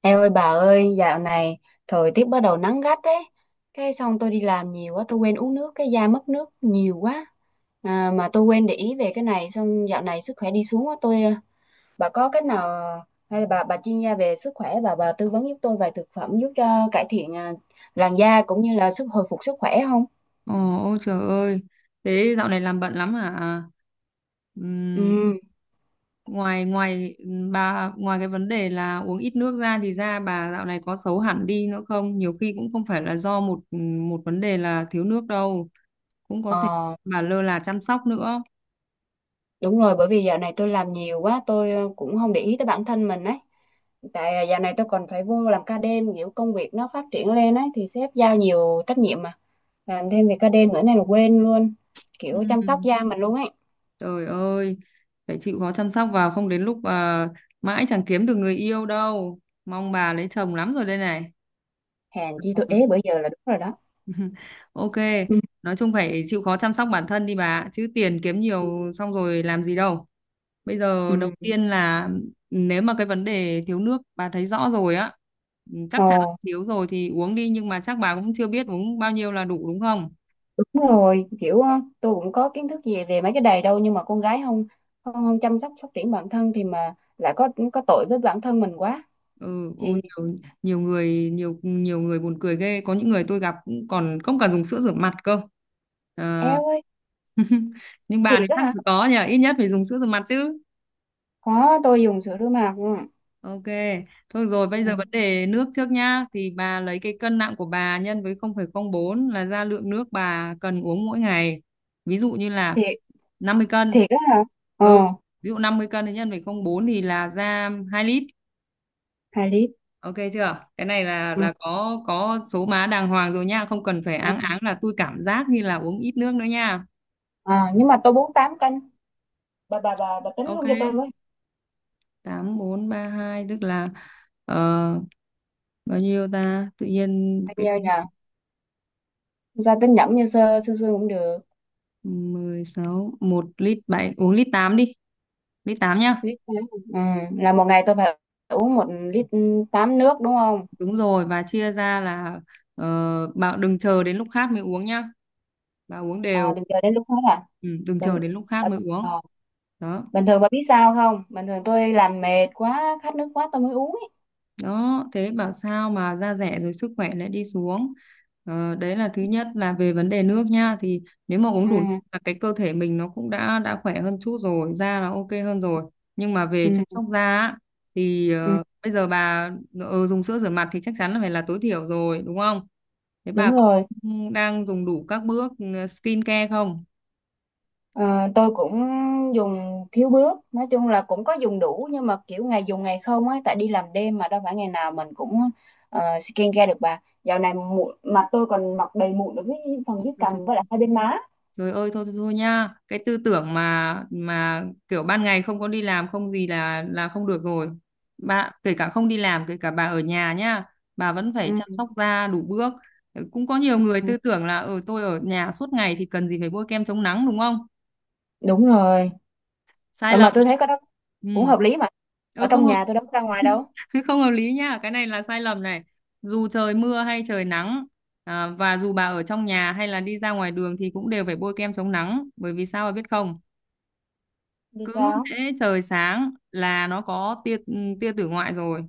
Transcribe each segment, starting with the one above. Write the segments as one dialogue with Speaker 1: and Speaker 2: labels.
Speaker 1: Em ơi bà ơi, dạo này thời tiết bắt đầu nắng gắt đấy. Cái xong tôi đi làm nhiều quá, tôi quên uống nước, cái da mất nước nhiều quá. À, mà tôi quên để ý về cái này, xong dạo này sức khỏe đi xuống quá. Bà có cách nào, hay là bà chuyên gia về sức khỏe, bà tư vấn giúp tôi vài thực phẩm giúp cho cải thiện làn da cũng như là sức hồi phục sức khỏe không?
Speaker 2: Ồ, ôi trời ơi. Thế dạo này làm bận lắm hả? Ừm,
Speaker 1: Ừ.
Speaker 2: ngoài ngoài bà ngoài cái vấn đề là uống ít nước ra thì da bà dạo này có xấu hẳn đi nữa không? Nhiều khi cũng không phải là do một một vấn đề là thiếu nước đâu, cũng có thể
Speaker 1: Ờ.
Speaker 2: bà lơ là chăm sóc nữa.
Speaker 1: Đúng rồi, bởi vì dạo này tôi làm nhiều quá, tôi cũng không để ý tới bản thân mình ấy. Tại dạo này tôi còn phải vô làm ca đêm, kiểu công việc nó phát triển lên ấy, thì sếp giao nhiều trách nhiệm mà. Làm thêm việc ca đêm nữa này là quên luôn, kiểu chăm sóc
Speaker 2: Ừm,
Speaker 1: da mình luôn ấy.
Speaker 2: Trời ơi, phải chịu khó chăm sóc vào, không đến lúc mãi chẳng kiếm được người yêu đâu. Mong bà lấy chồng lắm rồi đây này.
Speaker 1: Hèn chi tôi
Speaker 2: Ờ.
Speaker 1: ế bữa giờ là đúng rồi đó.
Speaker 2: Ok,
Speaker 1: Ừ.
Speaker 2: nói chung phải chịu khó chăm sóc bản thân đi bà, chứ tiền kiếm nhiều xong rồi làm gì đâu. Bây
Speaker 1: Ừ.
Speaker 2: giờ đầu tiên là nếu mà cái vấn đề thiếu nước bà thấy rõ rồi á, chắc chắn là
Speaker 1: Ồ,
Speaker 2: thiếu rồi thì uống đi, nhưng mà chắc bà cũng chưa biết uống bao nhiêu là đủ đúng không?
Speaker 1: đúng rồi, kiểu tôi cũng có kiến thức gì về mấy cái đầy đâu, nhưng mà con gái không không, không chăm sóc phát triển bản thân thì mà lại có tội với bản thân mình quá.
Speaker 2: Ừ, ôi
Speaker 1: Thì
Speaker 2: nhiều nhiều người buồn cười ghê, có những người tôi gặp cũng còn không cả dùng sữa rửa mặt cơ. Ờ.
Speaker 1: eo ơi,
Speaker 2: Nhưng bà thì
Speaker 1: thiệt á
Speaker 2: chắc
Speaker 1: hả?
Speaker 2: là có nhờ, ít nhất phải dùng sữa rửa mặt chứ.
Speaker 1: Có tôi dùng sữa rửa mặt, ừ.
Speaker 2: Ok, thôi rồi bây
Speaker 1: Ừ.
Speaker 2: giờ vấn đề nước trước nhá, thì bà lấy cái cân nặng của bà nhân với 0,04 là ra lượng nước bà cần uống mỗi ngày. Ví dụ như là
Speaker 1: Thiệt,
Speaker 2: 50 cân.
Speaker 1: thiệt á hả? Ờ,
Speaker 2: Ừ, ví dụ 50 cân thì nhân với 0,04 thì là ra 2 lít.
Speaker 1: hai lít,
Speaker 2: Ok chưa? Cái này là
Speaker 1: ừ.
Speaker 2: là có số má đàng hoàng rồi nha, không cần phải áng áng là tôi cảm giác như là uống ít nước nữa nha.
Speaker 1: À, nhưng mà tôi bốn tám cân, bà tính
Speaker 2: Ok,
Speaker 1: luôn cho tôi với.
Speaker 2: 8432 tức là ờ, bao nhiêu ta? Tự nhiên
Speaker 1: Bao
Speaker 2: cái
Speaker 1: nhiêu nhờ? Không sao, tính nhẩm như sơ sơ sơ cũng được.
Speaker 2: 16, một lít bảy, uống lít 8 đi, lít 8 nhá.
Speaker 1: Lít tám, ừ. Là một ngày tôi phải uống một lít tám nước đúng không?
Speaker 2: Đúng rồi, và chia ra là bảo đừng chờ đến lúc khát mới uống nhá, bà uống
Speaker 1: À,
Speaker 2: đều.
Speaker 1: đừng chờ đến lúc hết à?
Speaker 2: Ừ, đừng chờ
Speaker 1: Bình,
Speaker 2: đến lúc khát
Speaker 1: ờ,
Speaker 2: mới uống.
Speaker 1: ờ.
Speaker 2: Đó,
Speaker 1: Bình thường bà biết sao không, bình thường tôi làm mệt quá khát nước quá tôi mới uống ấy.
Speaker 2: đó, thế bảo sao mà da rẻ rồi sức khỏe lại đi xuống. Đấy là thứ nhất là về vấn đề nước nha, thì nếu mà uống đủ nước
Speaker 1: Ừ.
Speaker 2: là cái cơ thể mình nó cũng đã khỏe hơn chút rồi, da là ok hơn rồi, nhưng mà về chăm
Speaker 1: Ừ.
Speaker 2: sóc da á, thì
Speaker 1: Ừ.
Speaker 2: bây giờ bà dùng sữa rửa mặt thì chắc chắn là phải là tối thiểu rồi đúng không. Thế bà
Speaker 1: Đúng
Speaker 2: có
Speaker 1: rồi.
Speaker 2: đang dùng đủ các bước skin care không?
Speaker 1: Ờ, tôi cũng dùng thiếu bước, nói chung là cũng có dùng đủ nhưng mà kiểu ngày dùng ngày không ấy, tại đi làm đêm mà đâu phải ngày nào mình cũng skincare được bà. Dạo này mụn mặt tôi còn mọc đầy mụn ở dưới phần dưới cằm với lại hai bên má.
Speaker 2: Trời ơi thôi thôi, thôi nha, cái tư tưởng mà kiểu ban ngày không có đi làm không gì là không được rồi. Bà kể cả không đi làm, kể cả bà ở nhà nhá, bà vẫn phải
Speaker 1: Ừ.
Speaker 2: chăm sóc da đủ bước. Cũng có nhiều người
Speaker 1: Ừ,
Speaker 2: tư tưởng là ở tôi ở nhà suốt ngày thì cần gì phải bôi kem chống nắng đúng không?
Speaker 1: đúng rồi.
Speaker 2: Sai
Speaker 1: Ờ, mà
Speaker 2: lầm.
Speaker 1: tôi thấy cái đó
Speaker 2: Ừ.
Speaker 1: cũng hợp lý mà, ở
Speaker 2: Ừ không
Speaker 1: trong
Speaker 2: hợp
Speaker 1: nhà tôi đâu có ra ngoài đâu.
Speaker 2: không hợp lý nha, cái này là sai lầm này. Dù trời mưa hay trời nắng, và dù bà ở trong nhà hay là đi ra ngoài đường thì cũng đều phải bôi kem chống nắng, bởi vì sao bà biết không?
Speaker 1: Đi
Speaker 2: Cứ
Speaker 1: sao?
Speaker 2: thế trời sáng là nó có tia, tia tử ngoại rồi,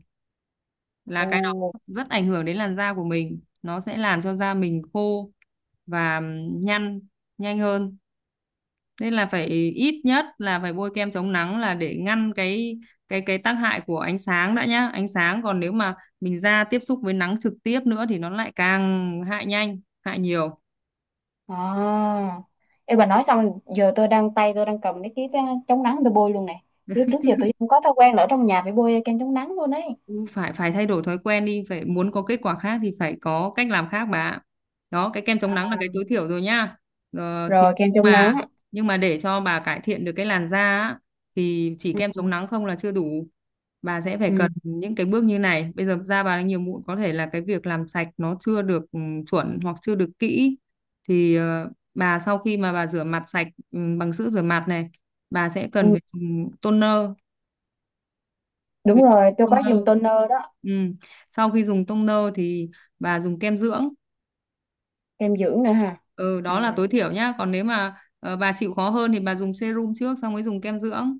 Speaker 1: Ồ.
Speaker 2: là cái đó rất ảnh hưởng đến làn da của mình, nó sẽ làm cho da mình khô và nhăn nhanh hơn. Nên là phải, ít nhất là phải bôi kem chống nắng là để ngăn cái tác hại của ánh sáng đã nhá. Ánh sáng, còn nếu mà mình da tiếp xúc với nắng trực tiếp nữa thì nó lại càng hại nhanh hại nhiều.
Speaker 1: À. Ê bà, nói xong giờ tôi đang tay tôi đang cầm cái chống nắng tôi bôi luôn này, chứ trước giờ tôi không có thói quen là ở trong nhà phải bôi kem chống nắng luôn ấy.
Speaker 2: Ừ, phải phải thay đổi thói quen đi, phải, muốn có kết quả khác thì phải có cách làm khác bà ạ. Đó, cái kem chống
Speaker 1: À,
Speaker 2: nắng là cái tối thiểu rồi nhá. ờ, thì
Speaker 1: rồi kem chống
Speaker 2: mà
Speaker 1: nắng,
Speaker 2: nhưng mà để cho bà cải thiện được cái làn da á, thì chỉ
Speaker 1: ừ.
Speaker 2: kem chống nắng không là chưa đủ. Bà sẽ phải
Speaker 1: Ừ.
Speaker 2: cần những cái bước như này, bây giờ da bà đang nhiều mụn có thể là cái việc làm sạch nó chưa được chuẩn, hoặc chưa được kỹ. Thì bà sau khi mà bà rửa mặt sạch bằng sữa rửa mặt này, bà sẽ cần
Speaker 1: Ừ.
Speaker 2: phải dùng toner. Với
Speaker 1: Đúng
Speaker 2: tông,
Speaker 1: rồi, tôi có
Speaker 2: tông
Speaker 1: dùng
Speaker 2: nâu,
Speaker 1: toner đó.
Speaker 2: ừ. Sau khi dùng tông nâu thì bà dùng kem dưỡng,
Speaker 1: Kem dưỡng nữa ha?
Speaker 2: ừ,
Speaker 1: Ừ.
Speaker 2: đó là tối thiểu nhá. Còn nếu mà bà chịu khó hơn thì bà dùng serum trước xong mới dùng kem dưỡng.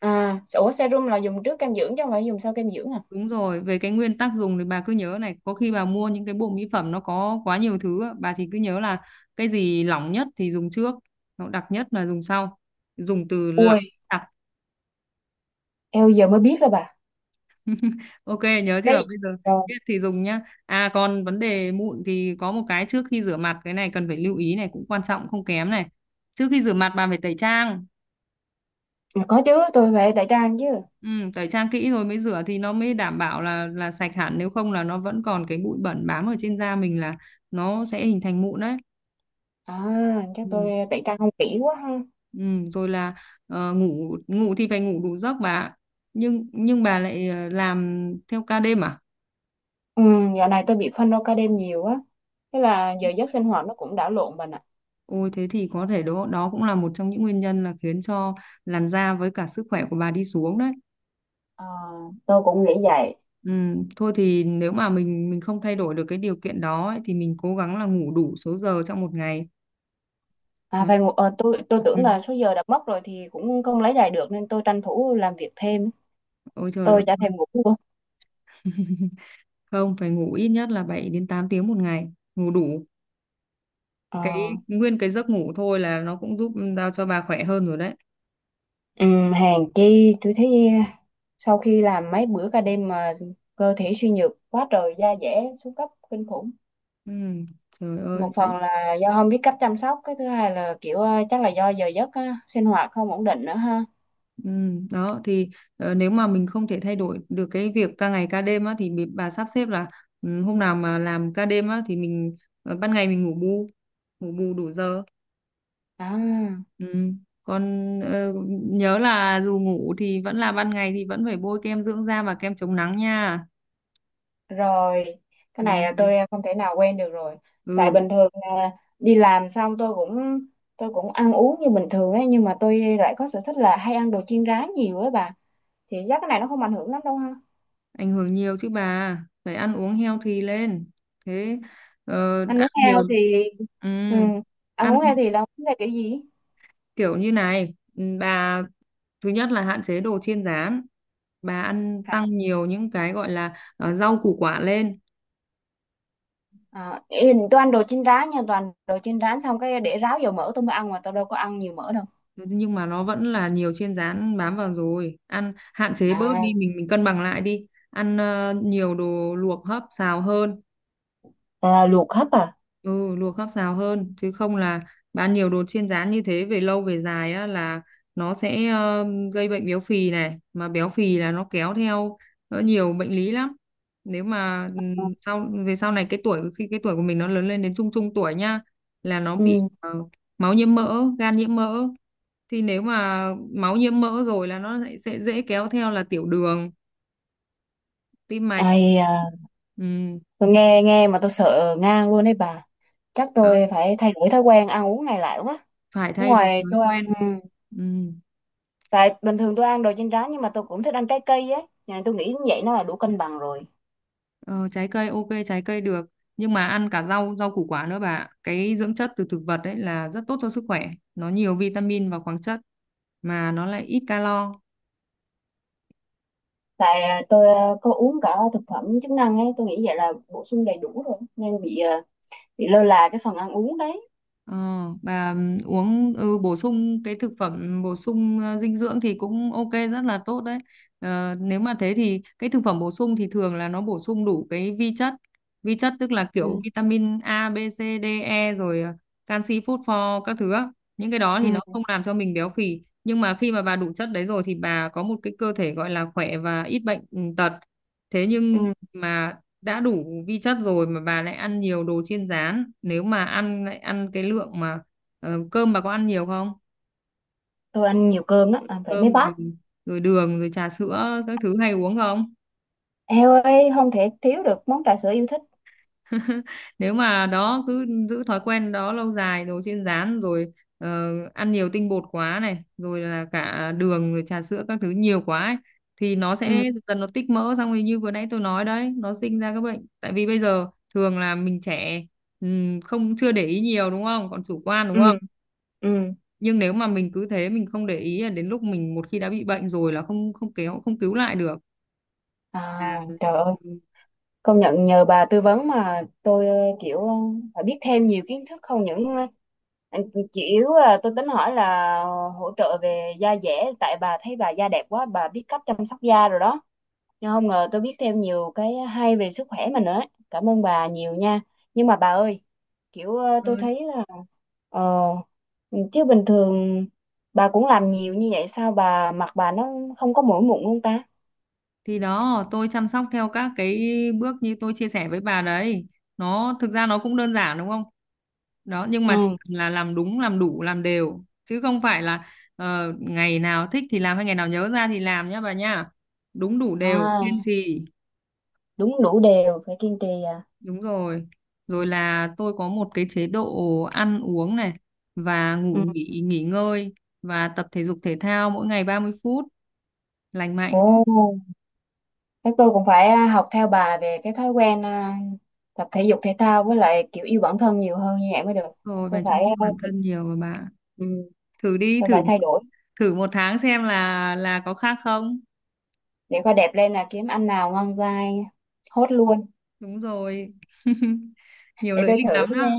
Speaker 1: À ủa, serum là dùng trước kem dưỡng chứ không phải dùng sau kem dưỡng à?
Speaker 2: Đúng rồi, về cái nguyên tắc dùng thì bà cứ nhớ này, có khi bà mua những cái bộ mỹ phẩm nó có quá nhiều thứ á, bà thì cứ nhớ là cái gì lỏng nhất thì dùng trước, nó đặc nhất là dùng sau, dùng từ lỏng
Speaker 1: Ui,
Speaker 2: đặc.
Speaker 1: eo, giờ mới biết rồi bà.
Speaker 2: Ok nhớ
Speaker 1: Cái
Speaker 2: chưa? Bây giờ
Speaker 1: rồi.
Speaker 2: biết thì dùng nhá. À, còn vấn đề mụn thì có một cái trước khi rửa mặt cái này cần phải lưu ý này, cũng quan trọng không kém này. Trước khi rửa mặt bạn phải tẩy trang.
Speaker 1: Mà có chứ, tôi phải tẩy trang chứ.
Speaker 2: Ừ, tẩy trang kỹ rồi mới rửa thì nó mới đảm bảo là sạch hẳn, nếu không là nó vẫn còn cái bụi bẩn bám ở trên da mình là nó sẽ hình thành mụn đấy.
Speaker 1: À, chắc
Speaker 2: Ừ.
Speaker 1: tôi tẩy trang không kỹ quá ha.
Speaker 2: Ừ, rồi là ngủ ngủ thì phải ngủ đủ giấc bà ạ. Nhưng bà lại làm theo ca đêm à?
Speaker 1: Ừ, dạo này tôi bị phân đo ca đêm nhiều á, thế là giờ giấc sinh hoạt nó cũng đảo lộn bà nè.
Speaker 2: Ôi thế thì có thể đó, đó cũng là một trong những nguyên nhân là khiến cho làn da với cả sức khỏe của bà đi xuống đấy.
Speaker 1: Ờ, tôi cũng nghĩ vậy.
Speaker 2: Ừ, thôi thì nếu mà mình không thay đổi được cái điều kiện đó ấy, thì mình cố gắng là ngủ đủ số giờ trong một ngày.
Speaker 1: À
Speaker 2: Đó.
Speaker 1: về ngủ, tôi
Speaker 2: Ừ.
Speaker 1: tưởng là số giờ đã mất rồi thì cũng không lấy lại được nên tôi tranh thủ làm việc thêm á.
Speaker 2: Ôi trời ơi,
Speaker 1: Tôi chả thèm ngủ luôn.
Speaker 2: không, phải ngủ ít nhất là 7 đến 8 tiếng một ngày, ngủ đủ. Cái
Speaker 1: Ờ.
Speaker 2: nguyên cái giấc ngủ thôi là nó cũng giúp giao cho bà khỏe hơn rồi đấy.
Speaker 1: Ừm, hèn chi tôi thấy sau khi làm mấy bữa ca đêm mà cơ thể suy nhược quá trời, da dẻ xuống cấp kinh khủng.
Speaker 2: Ừ, trời ơi.
Speaker 1: Một phần là do không biết cách chăm sóc, cái thứ hai là kiểu chắc là do giờ giấc á, sinh hoạt không ổn định nữa ha.
Speaker 2: Ừ, đó thì nếu mà mình không thể thay đổi được cái việc ca ngày ca đêm á thì bà sắp xếp là hôm nào mà làm ca đêm á thì mình ban ngày mình ngủ bù đủ giờ,
Speaker 1: À,
Speaker 2: ừ. Còn nhớ là dù ngủ thì vẫn là ban ngày thì vẫn phải bôi kem dưỡng da và kem chống nắng nha.
Speaker 1: rồi cái
Speaker 2: Ừ.
Speaker 1: này là tôi không thể nào quen được rồi. Tại
Speaker 2: Ừ,
Speaker 1: bình thường là đi làm xong tôi cũng ăn uống như bình thường ấy, nhưng mà tôi lại có sở thích là hay ăn đồ chiên rán nhiều ấy bà, thì chắc cái này nó không ảnh hưởng lắm đâu ha.
Speaker 2: ảnh hưởng nhiều chứ bà, phải ăn uống healthy lên. Thế
Speaker 1: Ăn
Speaker 2: ăn
Speaker 1: uống
Speaker 2: nhiều.
Speaker 1: heo thì,
Speaker 2: Ừ.
Speaker 1: ừ. Anh
Speaker 2: Ăn
Speaker 1: uống heo thì là uống theo kiểu gì?
Speaker 2: kiểu như này, bà, thứ nhất là hạn chế đồ chiên rán, bà ăn
Speaker 1: Hả?
Speaker 2: tăng nhiều những cái gọi là rau củ quả lên.
Speaker 1: À, ý- tôi ăn đồ chiên rán nha, toàn đồ chiên rán xong cái để ráo dầu mỡ tôi mới ăn, mà tôi đâu có ăn nhiều mỡ đâu.
Speaker 2: Nhưng mà nó vẫn là nhiều chiên rán bám vào rồi, ăn hạn chế bớt
Speaker 1: À,
Speaker 2: đi, mình cân bằng lại đi ăn nhiều đồ luộc hấp xào hơn.
Speaker 1: à luộc hấp à?
Speaker 2: Ừ, luộc hấp xào hơn, chứ không là bán nhiều đồ chiên rán như thế về lâu về dài á là nó sẽ gây bệnh béo phì này, mà béo phì là nó kéo theo nhiều bệnh lý lắm. Nếu mà
Speaker 1: Ừ.
Speaker 2: về sau này cái tuổi khi cái tuổi của mình nó lớn lên đến trung trung tuổi nhá, là nó bị
Speaker 1: Ừ.
Speaker 2: máu nhiễm mỡ gan nhiễm mỡ. Thì nếu mà máu nhiễm mỡ rồi là nó lại sẽ dễ kéo theo là tiểu đường, tim mạch.
Speaker 1: Ai à,
Speaker 2: Ừm,
Speaker 1: tôi nghe nghe mà tôi sợ ngang luôn đấy bà, chắc
Speaker 2: đó.
Speaker 1: tôi phải thay đổi thói quen ăn uống này lại quá.
Speaker 2: Phải thay đổi
Speaker 1: Ngoài
Speaker 2: thói
Speaker 1: tôi ăn,
Speaker 2: quen.
Speaker 1: ừ.
Speaker 2: Ừm.
Speaker 1: Tại bình thường tôi ăn đồ chiên rán nhưng mà tôi cũng thích ăn trái cây ấy. Nhà tôi nghĩ như vậy nó là đủ cân bằng rồi.
Speaker 2: Ờ, trái cây ok, trái cây được, nhưng mà ăn cả rau rau củ quả nữa bà ạ. Cái dưỡng chất từ thực vật đấy là rất tốt cho sức khỏe, nó nhiều vitamin và khoáng chất, mà nó lại ít calo.
Speaker 1: Tại tôi có uống cả thực phẩm chức năng ấy, tôi nghĩ vậy là bổ sung đầy đủ rồi nên bị bị lơ là cái phần ăn uống đấy.
Speaker 2: Ờ, bà uống bổ sung cái thực phẩm bổ sung dinh dưỡng thì cũng ok, rất là tốt đấy. Ờ, nếu mà thế thì cái thực phẩm bổ sung thì thường là nó bổ sung đủ cái vi chất. Vi chất tức là kiểu
Speaker 1: Ừ.
Speaker 2: vitamin A, B, C, D, E, rồi canxi, phốt pho các thứ á. Những cái đó thì nó
Speaker 1: Ừ.
Speaker 2: không làm cho mình béo phì. Nhưng mà khi mà bà đủ chất đấy rồi thì bà có một cái cơ thể gọi là khỏe và ít bệnh, tật. Thế nhưng
Speaker 1: Ừ.
Speaker 2: mà đã đủ vi chất rồi mà bà lại ăn nhiều đồ chiên rán, nếu mà ăn, lại ăn cái lượng mà, cơm bà có ăn nhiều không?
Speaker 1: Tôi ăn nhiều cơm lắm, ăn phải mấy
Speaker 2: Cơm
Speaker 1: bát.
Speaker 2: rồi, rồi đường, rồi trà sữa các thứ hay uống không?
Speaker 1: Eo ơi, không thể thiếu được món trà sữa yêu thích.
Speaker 2: Nếu mà đó cứ giữ thói quen đó lâu dài, đồ chiên rán rồi ăn nhiều tinh bột quá này, rồi là cả đường, rồi trà sữa các thứ nhiều quá ấy, thì nó sẽ
Speaker 1: Ừ.
Speaker 2: dần dần nó tích mỡ, xong rồi như vừa nãy tôi nói đấy, nó sinh ra các bệnh, tại vì bây giờ thường là mình trẻ, không chưa để ý nhiều đúng không, còn chủ quan đúng
Speaker 1: Ừ.
Speaker 2: không.
Speaker 1: Ừ.
Speaker 2: Nhưng nếu mà mình cứ thế mình không để ý là đến lúc mình một khi đã bị bệnh rồi là không, không kéo, không cứu lại được.
Speaker 1: À. Trời ơi,
Speaker 2: Ừ.
Speaker 1: công nhận nhờ bà tư vấn mà tôi kiểu phải biết thêm nhiều kiến thức. Không những anh- chỉ yếu là tôi tính hỏi là hỗ trợ về da dẻ, tại bà thấy bà da đẹp quá, bà biết cách chăm sóc da rồi đó. Nhưng không ngờ tôi biết thêm nhiều cái hay về sức khỏe mình nữa ấy. Cảm ơn bà nhiều nha. Nhưng mà bà ơi, kiểu tôi thấy là ờ chứ bình thường bà cũng làm nhiều như vậy sao bà mặt bà nó không có mỗi mụn luôn ta?
Speaker 2: Thì đó, tôi chăm sóc theo các cái bước như tôi chia sẻ với bà đấy, nó thực ra nó cũng đơn giản đúng không. Đó, nhưng mà
Speaker 1: Ừ.
Speaker 2: chỉ cần là làm đúng làm đủ làm đều, chứ không phải là ngày nào thích thì làm hay ngày nào nhớ ra thì làm nhá bà nhá. Đúng đủ đều kiên
Speaker 1: À,
Speaker 2: trì.
Speaker 1: đúng đủ đều phải kiên trì à.
Speaker 2: Đúng rồi. Rồi là tôi có một cái chế độ ăn uống này, và
Speaker 1: Ừ.
Speaker 2: ngủ nghỉ nghỉ ngơi, và tập thể dục thể thao mỗi ngày 30 phút lành mạnh.
Speaker 1: Ồ, thế tôi cũng phải học theo bà về cái thói quen tập thể dục thể thao, với lại kiểu yêu bản thân nhiều hơn như vậy mới được.
Speaker 2: Rồi
Speaker 1: Tôi
Speaker 2: và chăm
Speaker 1: phải
Speaker 2: sóc bản thân nhiều mà bạn.
Speaker 1: ừ,
Speaker 2: Thử đi,
Speaker 1: tôi
Speaker 2: thử
Speaker 1: phải thay đổi.
Speaker 2: thử một tháng xem là có khác không.
Speaker 1: Để coi đẹp lên là kiếm ăn nào ngon dai, hốt luôn.
Speaker 2: Đúng rồi. Nhiều
Speaker 1: Để
Speaker 2: lợi
Speaker 1: tôi
Speaker 2: ích
Speaker 1: thử
Speaker 2: lắm
Speaker 1: nha.
Speaker 2: đó.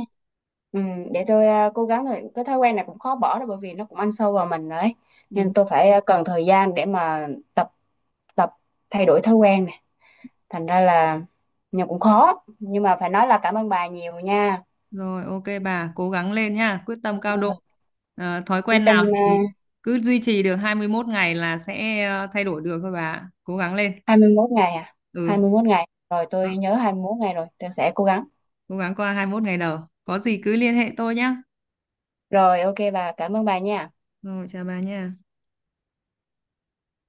Speaker 1: Ừ, để tôi cố gắng, rồi cái thói quen này cũng khó bỏ đâu, bởi vì nó cũng ăn sâu vào mình đấy, nên
Speaker 2: Đúng
Speaker 1: tôi phải cần thời gian để mà tập, tập thay đổi thói quen này, thành ra là, nhưng cũng khó, nhưng mà phải nói là cảm ơn bà nhiều nha.
Speaker 2: rồi, ok bà, cố gắng lên nha, quyết tâm cao
Speaker 1: Ừ,
Speaker 2: độ. Ờ, thói
Speaker 1: quyết
Speaker 2: quen
Speaker 1: tâm
Speaker 2: nào thì cứ duy trì được 21 ngày là sẽ thay đổi được thôi bà. Cố gắng lên.
Speaker 1: hai mươi 21 ngày à?
Speaker 2: Ừ.
Speaker 1: 21 ngày rồi,
Speaker 2: Đó,
Speaker 1: tôi nhớ 21 ngày rồi tôi sẽ cố gắng.
Speaker 2: cố gắng qua 21 ngày đầu, có gì cứ liên hệ tôi nhá.
Speaker 1: Rồi ok bà, cảm ơn bà nha.
Speaker 2: Rồi chào bà nha